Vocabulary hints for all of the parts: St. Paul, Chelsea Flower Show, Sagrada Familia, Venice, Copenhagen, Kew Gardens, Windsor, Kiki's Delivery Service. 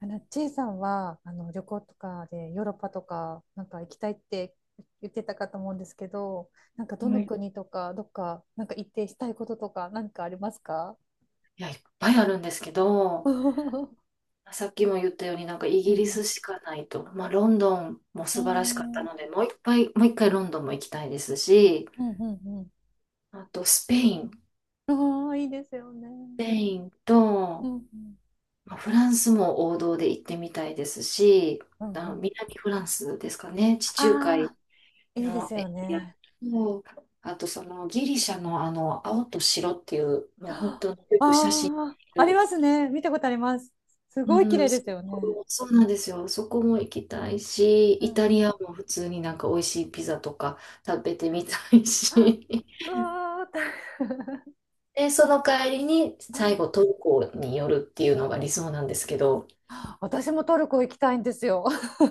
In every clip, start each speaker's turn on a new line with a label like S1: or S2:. S1: ちいさんは、旅行とかでヨーロッパとか、なんか行きたいって言ってたかと思うんですけど、なんかど
S2: は
S1: の
S2: い。
S1: 国とか、どっか、なんか行ってしたいこととか、なんかありますか？
S2: いや、いっぱいあるんですけど、さっきも言ったようになんかイ
S1: うん
S2: ギ
S1: う
S2: リ
S1: ん。
S2: スしかないと、まあ、ロンドンも
S1: うー
S2: 素晴らしかった
S1: ん。う
S2: ので、もう一回ロンドンも行きたいですし、
S1: んうん
S2: あとスペイン、ス
S1: うん。ああ、いいですよね。
S2: ペイン
S1: うん
S2: と、
S1: うん。
S2: まあ、フランスも王道で行ってみたいですし、
S1: うんう
S2: あ、
S1: ん。
S2: 南フランスですかね、地中海
S1: ああ、いいです
S2: のエ
S1: よ
S2: リア
S1: ね。
S2: と、あとそのギリシャのあの青と白っていう、もう本
S1: あ
S2: 当によく写真
S1: あ、ありますね。見たことあります。すごい綺
S2: う
S1: 麗
S2: ん、
S1: ですよね。
S2: そうなんですよ。そこも行きたいし、
S1: う
S2: イ
S1: ん。
S2: タリアも普通になんか美味しいピザとか食べてみたい
S1: あ、
S2: し。
S1: うわー、大変。
S2: で、その帰りに最後トルコに寄るっていうのが理想なんですけど、
S1: 私もトルコ行きたいんですよ。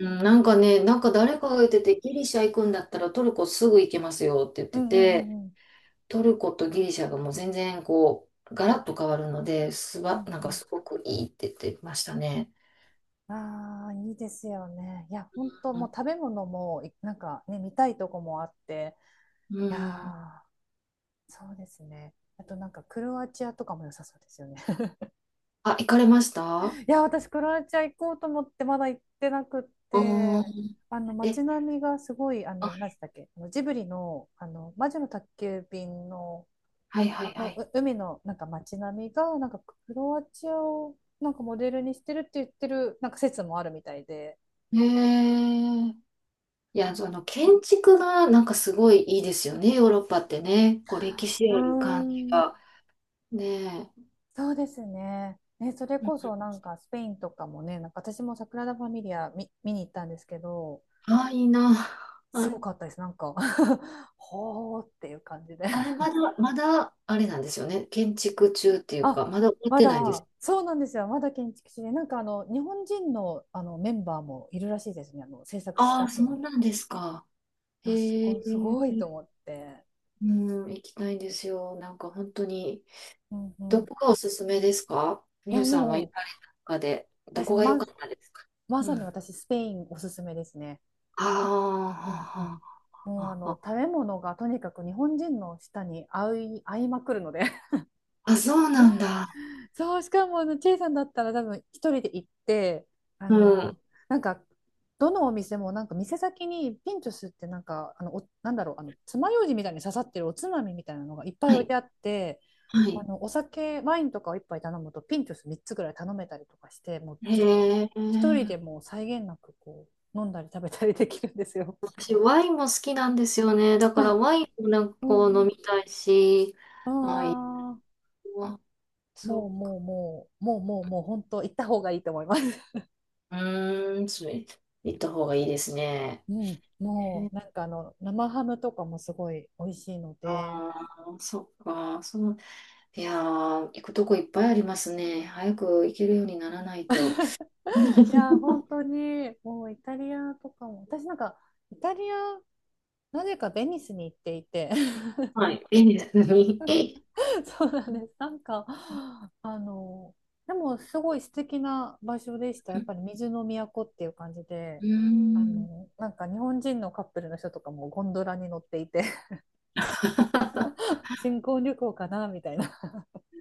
S2: うん、なんかね、なんか誰かが言ってて、ギリシャ行くんだったらトルコすぐ行けますよって言っ
S1: う
S2: て
S1: んうんう
S2: て、
S1: んうん。
S2: トルコとギリシャがもう全然こう、ガラッと変わるので、
S1: うん
S2: なん
S1: う
S2: か
S1: ん、
S2: すごくいいって言ってましたね。
S1: ああ、いいですよね。いや、本当もう食べ物も、いなんかね、見たいとこもあって、
S2: う
S1: いや
S2: ん。
S1: ー、そうですね。あとなんかクロアチアとかも良さそうですよね。
S2: あ、行かれました？あ
S1: いや、私クロアチア行こうと思ってまだ行ってなくっ
S2: あ
S1: て、
S2: ー。
S1: あの
S2: え、
S1: 街並みがすごい、あ
S2: あ、
S1: の、何でしたっけ、あのジブリの、あの、魔女の宅急便の
S2: はいは
S1: あ
S2: いは
S1: の
S2: い。
S1: う海のなんか街並みがなんかクロアチアをなんかモデルにしてるって言ってるなんか説もあるみたいで、
S2: へえ。いや、その建築がなんかすごいいいですよね、ヨーロッパってね。こう歴史
S1: うー
S2: ある感じ
S1: ん。
S2: が。ねえ。
S1: そうですね。ね、それ
S2: うん、
S1: こそなんかスペインとかもね、なんか私もサグラダ・ファミリア見に行ったんですけど、
S2: あ、いいな。
S1: す
S2: はい。
S1: ごかったです。なんか ほーっていう感じで。
S2: あれ、まだあれなんですよね。建築中っていう
S1: あ、
S2: か、まだ終わっ
S1: ま
S2: てないんです。
S1: だ、そうなんですよ。まだ建築士で、なんかあの日本人の、あのメンバーもいるらしいですね。あの制作ス
S2: あ
S1: タッ
S2: あ、
S1: フ
S2: そう
S1: に。
S2: なんですか。
S1: あ、す
S2: へえ。
S1: ごい、すごいと思って。
S2: うん、行きたいんですよ。なんか本当に。
S1: うんう
S2: ど
S1: ん、
S2: こがおすすめですか？
S1: い
S2: ミュ
S1: や
S2: ウさんは行
S1: も
S2: かれ
S1: う
S2: た中で、ど
S1: 私
S2: こが良
S1: ま、
S2: かったですか？
S1: ま
S2: う
S1: さに
S2: ん。
S1: 私スペインおすすめですね。
S2: あ
S1: うんう
S2: あ、
S1: ん。
S2: あ
S1: もうあ
S2: あ、ああ、
S1: の食べ物がとにかく日本人の舌に合い、合いまくるので
S2: あそうなんだ。
S1: そう。しかもあのチェイさんだったら多分一人で行ってあ
S2: う
S1: の
S2: ん。
S1: なんかどのお店もなんか店先にピンチョスってなんかあのおなんだろうあの爪楊枝みたいに刺さってるおつまみみたいなのがいっぱい
S2: は
S1: 置い
S2: い。
S1: てあって
S2: は
S1: あ
S2: い。
S1: のお酒、ワインとかを一杯頼むと、ピントス3つぐらい頼めたりとかして、もうずっと
S2: へ
S1: 一人
S2: え。
S1: でもう際限なくこう飲んだり食べたりできるんですよ。
S2: 私、ワインも好きなんですよね。だから、
S1: あ、
S2: ワインもなんか
S1: う
S2: こう飲
S1: ん
S2: みたいし、
S1: う
S2: あ、いい
S1: ん。ああ、
S2: わ、そ
S1: もう
S2: うか。
S1: もうもう、もうもうもう本当行った方がいいと思います。
S2: うーん、それ、行った方がいいですね。
S1: うん、もうなんかあの生ハムとかもすごい美味しいの
S2: あ
S1: で、
S2: あ、そっか。その、いやー、行くとこいっぱいありますね。早く行けるようにならないと。
S1: いや 本当にもうイタリアとかも、私なんかイタリアなぜかベニスに行っていて
S2: はい。いいですね。
S1: そうなんです。なんか、あの、でもすごい素敵な場所でした。や
S2: え、
S1: っぱり水の都っていう感じで、
S2: うー
S1: あ
S2: ん。
S1: の、なんか日本人のカップルの人とかもゴンドラに乗っていて、新婚旅行かなみたいな。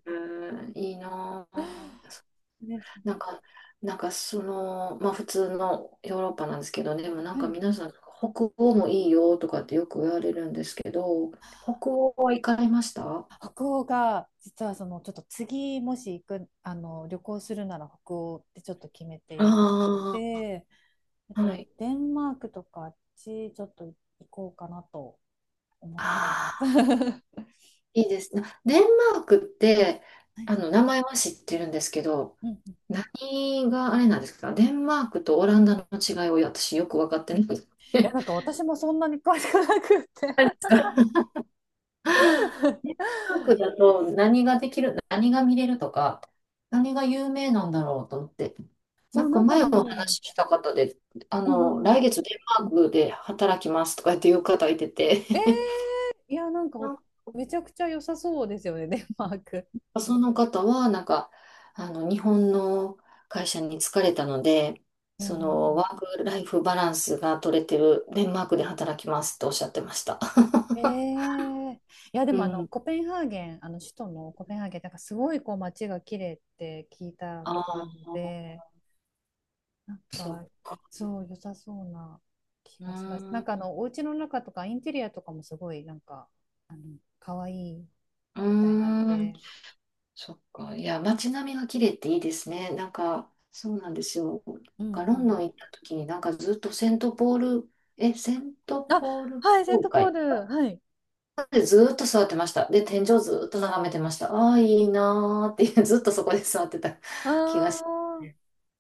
S2: うん、いいなあ、
S1: ね、
S2: なんか、なんかその、まあ普通のヨーロッパなんですけど、でもなん
S1: は
S2: か
S1: い。
S2: 皆さん、北欧もいいよとかってよく言われるんですけど、北欧は行かれました？
S1: 北欧が、実はその、ちょっと次もし行く、あの、旅行するなら北欧ってちょっと決めてい
S2: あ
S1: て、えっ
S2: あー、は
S1: と、
S2: い。
S1: デンマークとかあっち、ちょっと行こうかなと思ってい
S2: あ
S1: ま
S2: あ、
S1: す。は
S2: いいですね。デンマークって、
S1: い。
S2: あの、名 前は知ってるんですけど、
S1: うんうん、
S2: 何があれなんですか？デンマークとオランダの違いを私よく分かってない。
S1: や、なんか私もそんなに詳しくなくって
S2: 何です か？ マ近くだと何ができる、何が見れるとか、何が有名なんだろうと思って、
S1: そ
S2: な
S1: う、
S2: ん
S1: な
S2: か
S1: んか
S2: 前
S1: で
S2: お
S1: も、
S2: 話しした方で、あ
S1: う
S2: の、
S1: んうん。
S2: 来月デンマークで働きますとか言っていう方いてて、
S1: えー、いや、なん か
S2: なん
S1: めちゃくちゃ良さそうですよね、デンマーク。
S2: かその方は、なんか、あの、日本の会社に疲れたので、
S1: うんう
S2: その、
S1: ん
S2: ワークライフバランスが取れてるデンマークで働きますっておっしゃってました。
S1: うん、いや、で
S2: う
S1: もあの、
S2: ん。
S1: コペンハーゲン、あの首都のコペンハーゲン、なんかすごいこう街が綺麗って聞いた
S2: あ
S1: ことある
S2: あ、
S1: ので、なん
S2: そっ
S1: か、
S2: か。
S1: そう、良さそうな気
S2: うー
S1: がします。
S2: ん。
S1: なん
S2: う
S1: かあの、お家の中とかインテリアとかもすごいなんか、可愛い
S2: ー
S1: みたいなの
S2: ん。
S1: で、
S2: そっか。いや、街並みが綺麗っていいですね。なんか、そうなんですよ。なん
S1: うん
S2: かロ
S1: う
S2: ンドン行
S1: ん。
S2: った時に、なんかずっとセントポール、え、セント
S1: あ、
S2: ポール
S1: はい、セン
S2: 教
S1: トポー
S2: 会
S1: ル。はい。
S2: でずっと座ってました。で、天井ずっと眺めてました。ああ、いいなーっていう、ずっとそこで座ってた気がし
S1: あ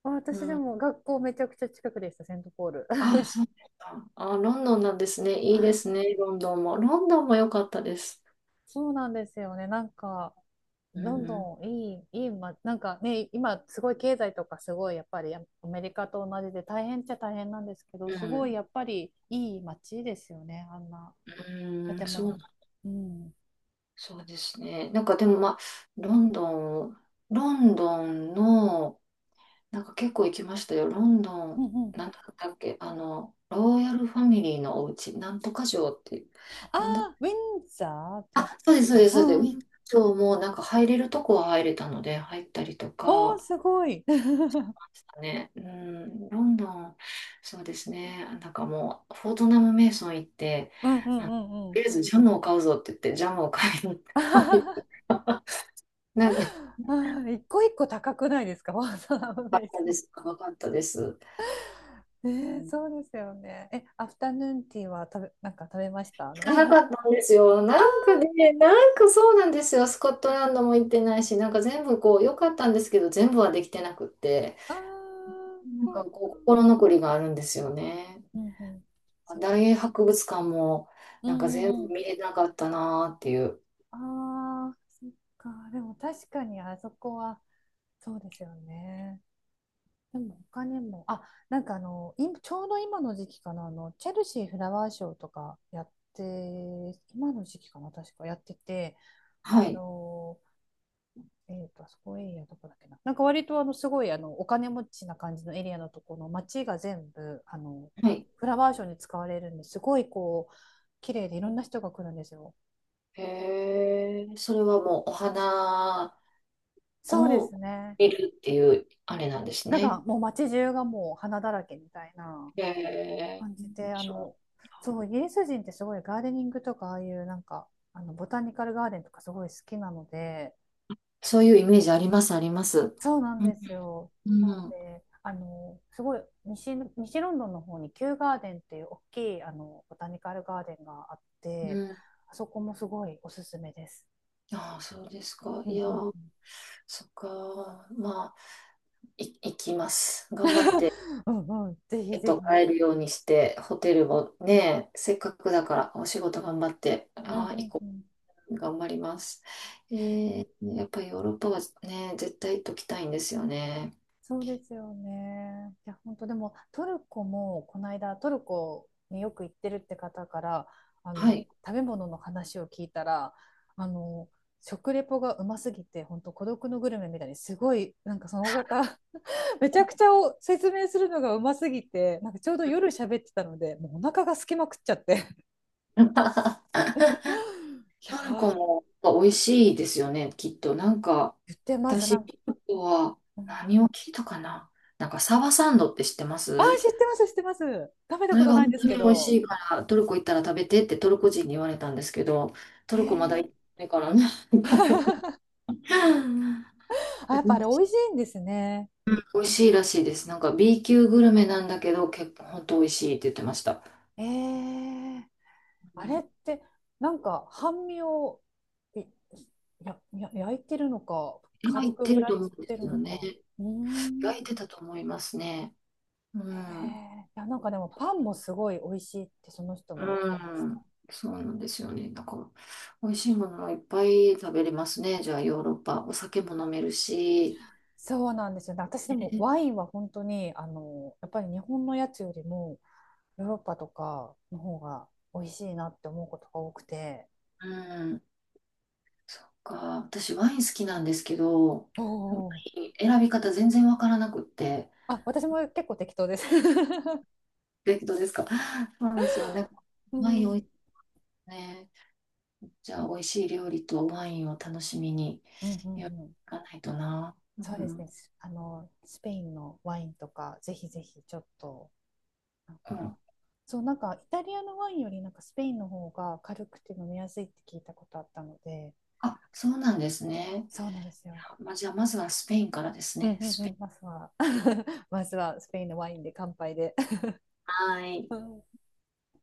S1: あ、
S2: ます。
S1: 私で
S2: うん。
S1: も学校めちゃくちゃ近くでした、セントポール。
S2: あ、そうですか。あ、ロンドンなんですね。いいで すね、ロンドンも。ロンドンも良かったです。
S1: そうなんですよね。なんか、
S2: う
S1: ロン
S2: ん。
S1: ドンいい、いい、ま、なんかね、今すごい経済とかすごいやっぱりアメリカと同じで大変っちゃ大変なんですけど、
S2: う
S1: すごい
S2: ん。
S1: やっぱりいい街ですよね、あんな
S2: うん。
S1: 建物
S2: そ
S1: も。
S2: う、
S1: うん。
S2: そうですね。なんかでもまあ、ロンドン、ロンドンの、なんか結構行きましたよ。ロンド
S1: うん
S2: ン、
S1: うん。
S2: なんだったっけ、あの、ロイヤルファミリーのお家、なんとか城っていう、
S1: あ
S2: なんだ、
S1: あ、ウィンザーです
S2: あ、そうです、そう
S1: か。
S2: です、
S1: う
S2: そうです。ウ
S1: んうん。
S2: ィンザー城もなんか入れるとこは入れたので、入ったりと
S1: おー、
S2: か、
S1: すごい。
S2: ね、うん、ロンドン、そうですね。なんかもう、フォートナム・メイソン行って、
S1: うんうんう
S2: あと
S1: んうん。
S2: りあえずジャムを買うぞって言って、ジャムを買いに行 った。なんか
S1: あー、一個一個高くないですか？わざわざ危
S2: か
S1: な
S2: っ
S1: い
S2: た
S1: そ
S2: で
S1: う。
S2: す。高かったです。
S1: え
S2: うん、
S1: そうですよね。え、アフタヌーンティーは食べ、なんか食べましたあ
S2: 行
S1: の？
S2: かな かったんですよ。なんか
S1: あ
S2: ね、なんかそうなんですよ。スコットランドも行ってないし、なんか全部こう、良かったんですけど、全部はできてなくって、
S1: ー、あー、
S2: なん
S1: そっ
S2: か
S1: か。
S2: こう、心残りがあるんですよね。
S1: うんうん。そ、
S2: 大英博物館も、
S1: う
S2: なんか
S1: んう
S2: 全
S1: んう
S2: 部
S1: ん。
S2: 見れなかったなーっていう。
S1: ああ、そっか。でも確かにあそこは、そうですよね。でも他にも、あ、なんかあの、今ちょうど今の時期かな、あの、チェルシーフラワーショーとかやって、今の時期かな、確かやってて、
S2: は
S1: あ
S2: い。
S1: のえーと、あそこエリアどこだっけな。なんか割とあのすごいあのお金持ちな感じのエリアのところの街が全部あの
S2: はい。
S1: フラワーショーに使われるんですごいこう綺麗でいろんな人が来るんですよ。
S2: へえ、それはもうお花
S1: そうです
S2: を
S1: ね。
S2: 見るっていう、あれなんです
S1: なん
S2: ね。
S1: かもう街中がもう花だらけみたいな
S2: へえ、
S1: 感じで、あ
S2: そう、
S1: の、そう、イギリス人ってすごいガーデニングとかああいうなんかあのボタニカルガーデンとかすごい好きなので、
S2: そういうイメージあります、あります。
S1: そうなん
S2: うん、
S1: ですよ。
S2: うん、
S1: であのすごい西ロンドンの方にキューガーデンっていう大きいあのボタニカルガーデンがあっ
S2: う
S1: て、
S2: ん。
S1: あそこもすごいおすすめです。
S2: ああ、そうですか。
S1: う
S2: い
S1: ん
S2: や、
S1: うんうん
S2: そっか。まあ、行きます。頑張って、
S1: うん、うんぜひ
S2: えっ
S1: ぜひ。
S2: と、帰るようにして、ホテルもね、せっかくだから、お仕事頑張って、
S1: う
S2: ああ、
S1: んう
S2: 行
S1: ん
S2: こ
S1: う
S2: う。
S1: ん
S2: 頑張ります。えー、やっぱりヨーロッパはね、絶対行っときたいんですよね。
S1: そうですよね。いや本当でもトルコもこの間トルコによく行ってるって方からあ
S2: は
S1: の
S2: い。
S1: 食べ物の話を聞いたら、あの食レポがうますぎて本当孤独のグルメみたいにすごいなんかその方めちゃくちゃを説明するのがうますぎて、なんかちょうど夜喋ってたのでもうお腹がすきまくっちゃって い や
S2: パルコ
S1: ー
S2: も美味しいですよね、きっと。なんか、
S1: 言ってますな
S2: 私、
S1: んか、
S2: パルコは
S1: うん、
S2: 何を聞いたかな、なんか、サバサンドって知ってま
S1: あ
S2: す？
S1: ー、知ってます知ってます、食べた
S2: そ
S1: こ
S2: れ
S1: と
S2: が
S1: ないん
S2: 本
S1: です
S2: 当に
S1: け
S2: 美味
S1: ど、
S2: しいから、トルコ行ったら食べてってトルコ人に言われたんですけど、ト
S1: え
S2: ルコまだ行って
S1: ー、
S2: ないからね。
S1: あやっぱあれ美味しいんですね。
S2: 美味しいらしいです。なんか B 級グルメなんだけど、結構本当美味しいって言ってました。
S1: えー、
S2: う
S1: あれ
S2: ん、
S1: ってなんか半身を、いやや焼いてるのか
S2: 入
S1: 軽
S2: っ
S1: く
S2: て
S1: フ
S2: る
S1: ライ
S2: と思
S1: し
S2: うんで
S1: て
S2: す
S1: る
S2: よ
S1: の
S2: ね。
S1: か、うーん。
S2: 入ってたと思いますね。う
S1: え
S2: ん。
S1: ー、いやなんかでもパンもすごい美味しいってその人も言っ
S2: う
S1: てました。
S2: ん、そうなんですよね。だから、美味しいものもいっぱい食べれますね。じゃあ、ヨーロッパ。お酒も飲めるし。
S1: そうなんですよね。私で
S2: え、
S1: もワインは本当に、あの、やっぱり日本のやつよりもヨーロッパとかの方が美味しいなって思うことが多くて。
S2: うん、そっか。私、ワイン好きなんですけど、
S1: お
S2: ワ
S1: お。
S2: イン選び方全然わからなくって。
S1: あ、私も結構適当です。
S2: え、どうですか？そうなんですよね。
S1: う
S2: ワイ
S1: ん、う
S2: ンおいし
S1: ん
S2: いね。じゃあ、美味しい料理とワインを楽しみに、
S1: うん
S2: やって
S1: う
S2: い
S1: ん。
S2: かないとな。う
S1: そうです
S2: ん、
S1: ね。す、あの、スペインのワインとか、ぜひぜひちょっと、なん
S2: う
S1: か、
S2: ん。
S1: そう、なんかイタリアのワインよりなんかスペインの方が軽くて飲みやすいって聞いたことあったので、
S2: あ、そうなんですね。
S1: そうなんですよ。
S2: まあ、じゃあ、まずはスペインからです
S1: うん
S2: ね。
S1: うん
S2: ス
S1: う
S2: ペイ
S1: ん、
S2: ン。
S1: まずは、まずはスペインのワインで乾杯で。
S2: はい。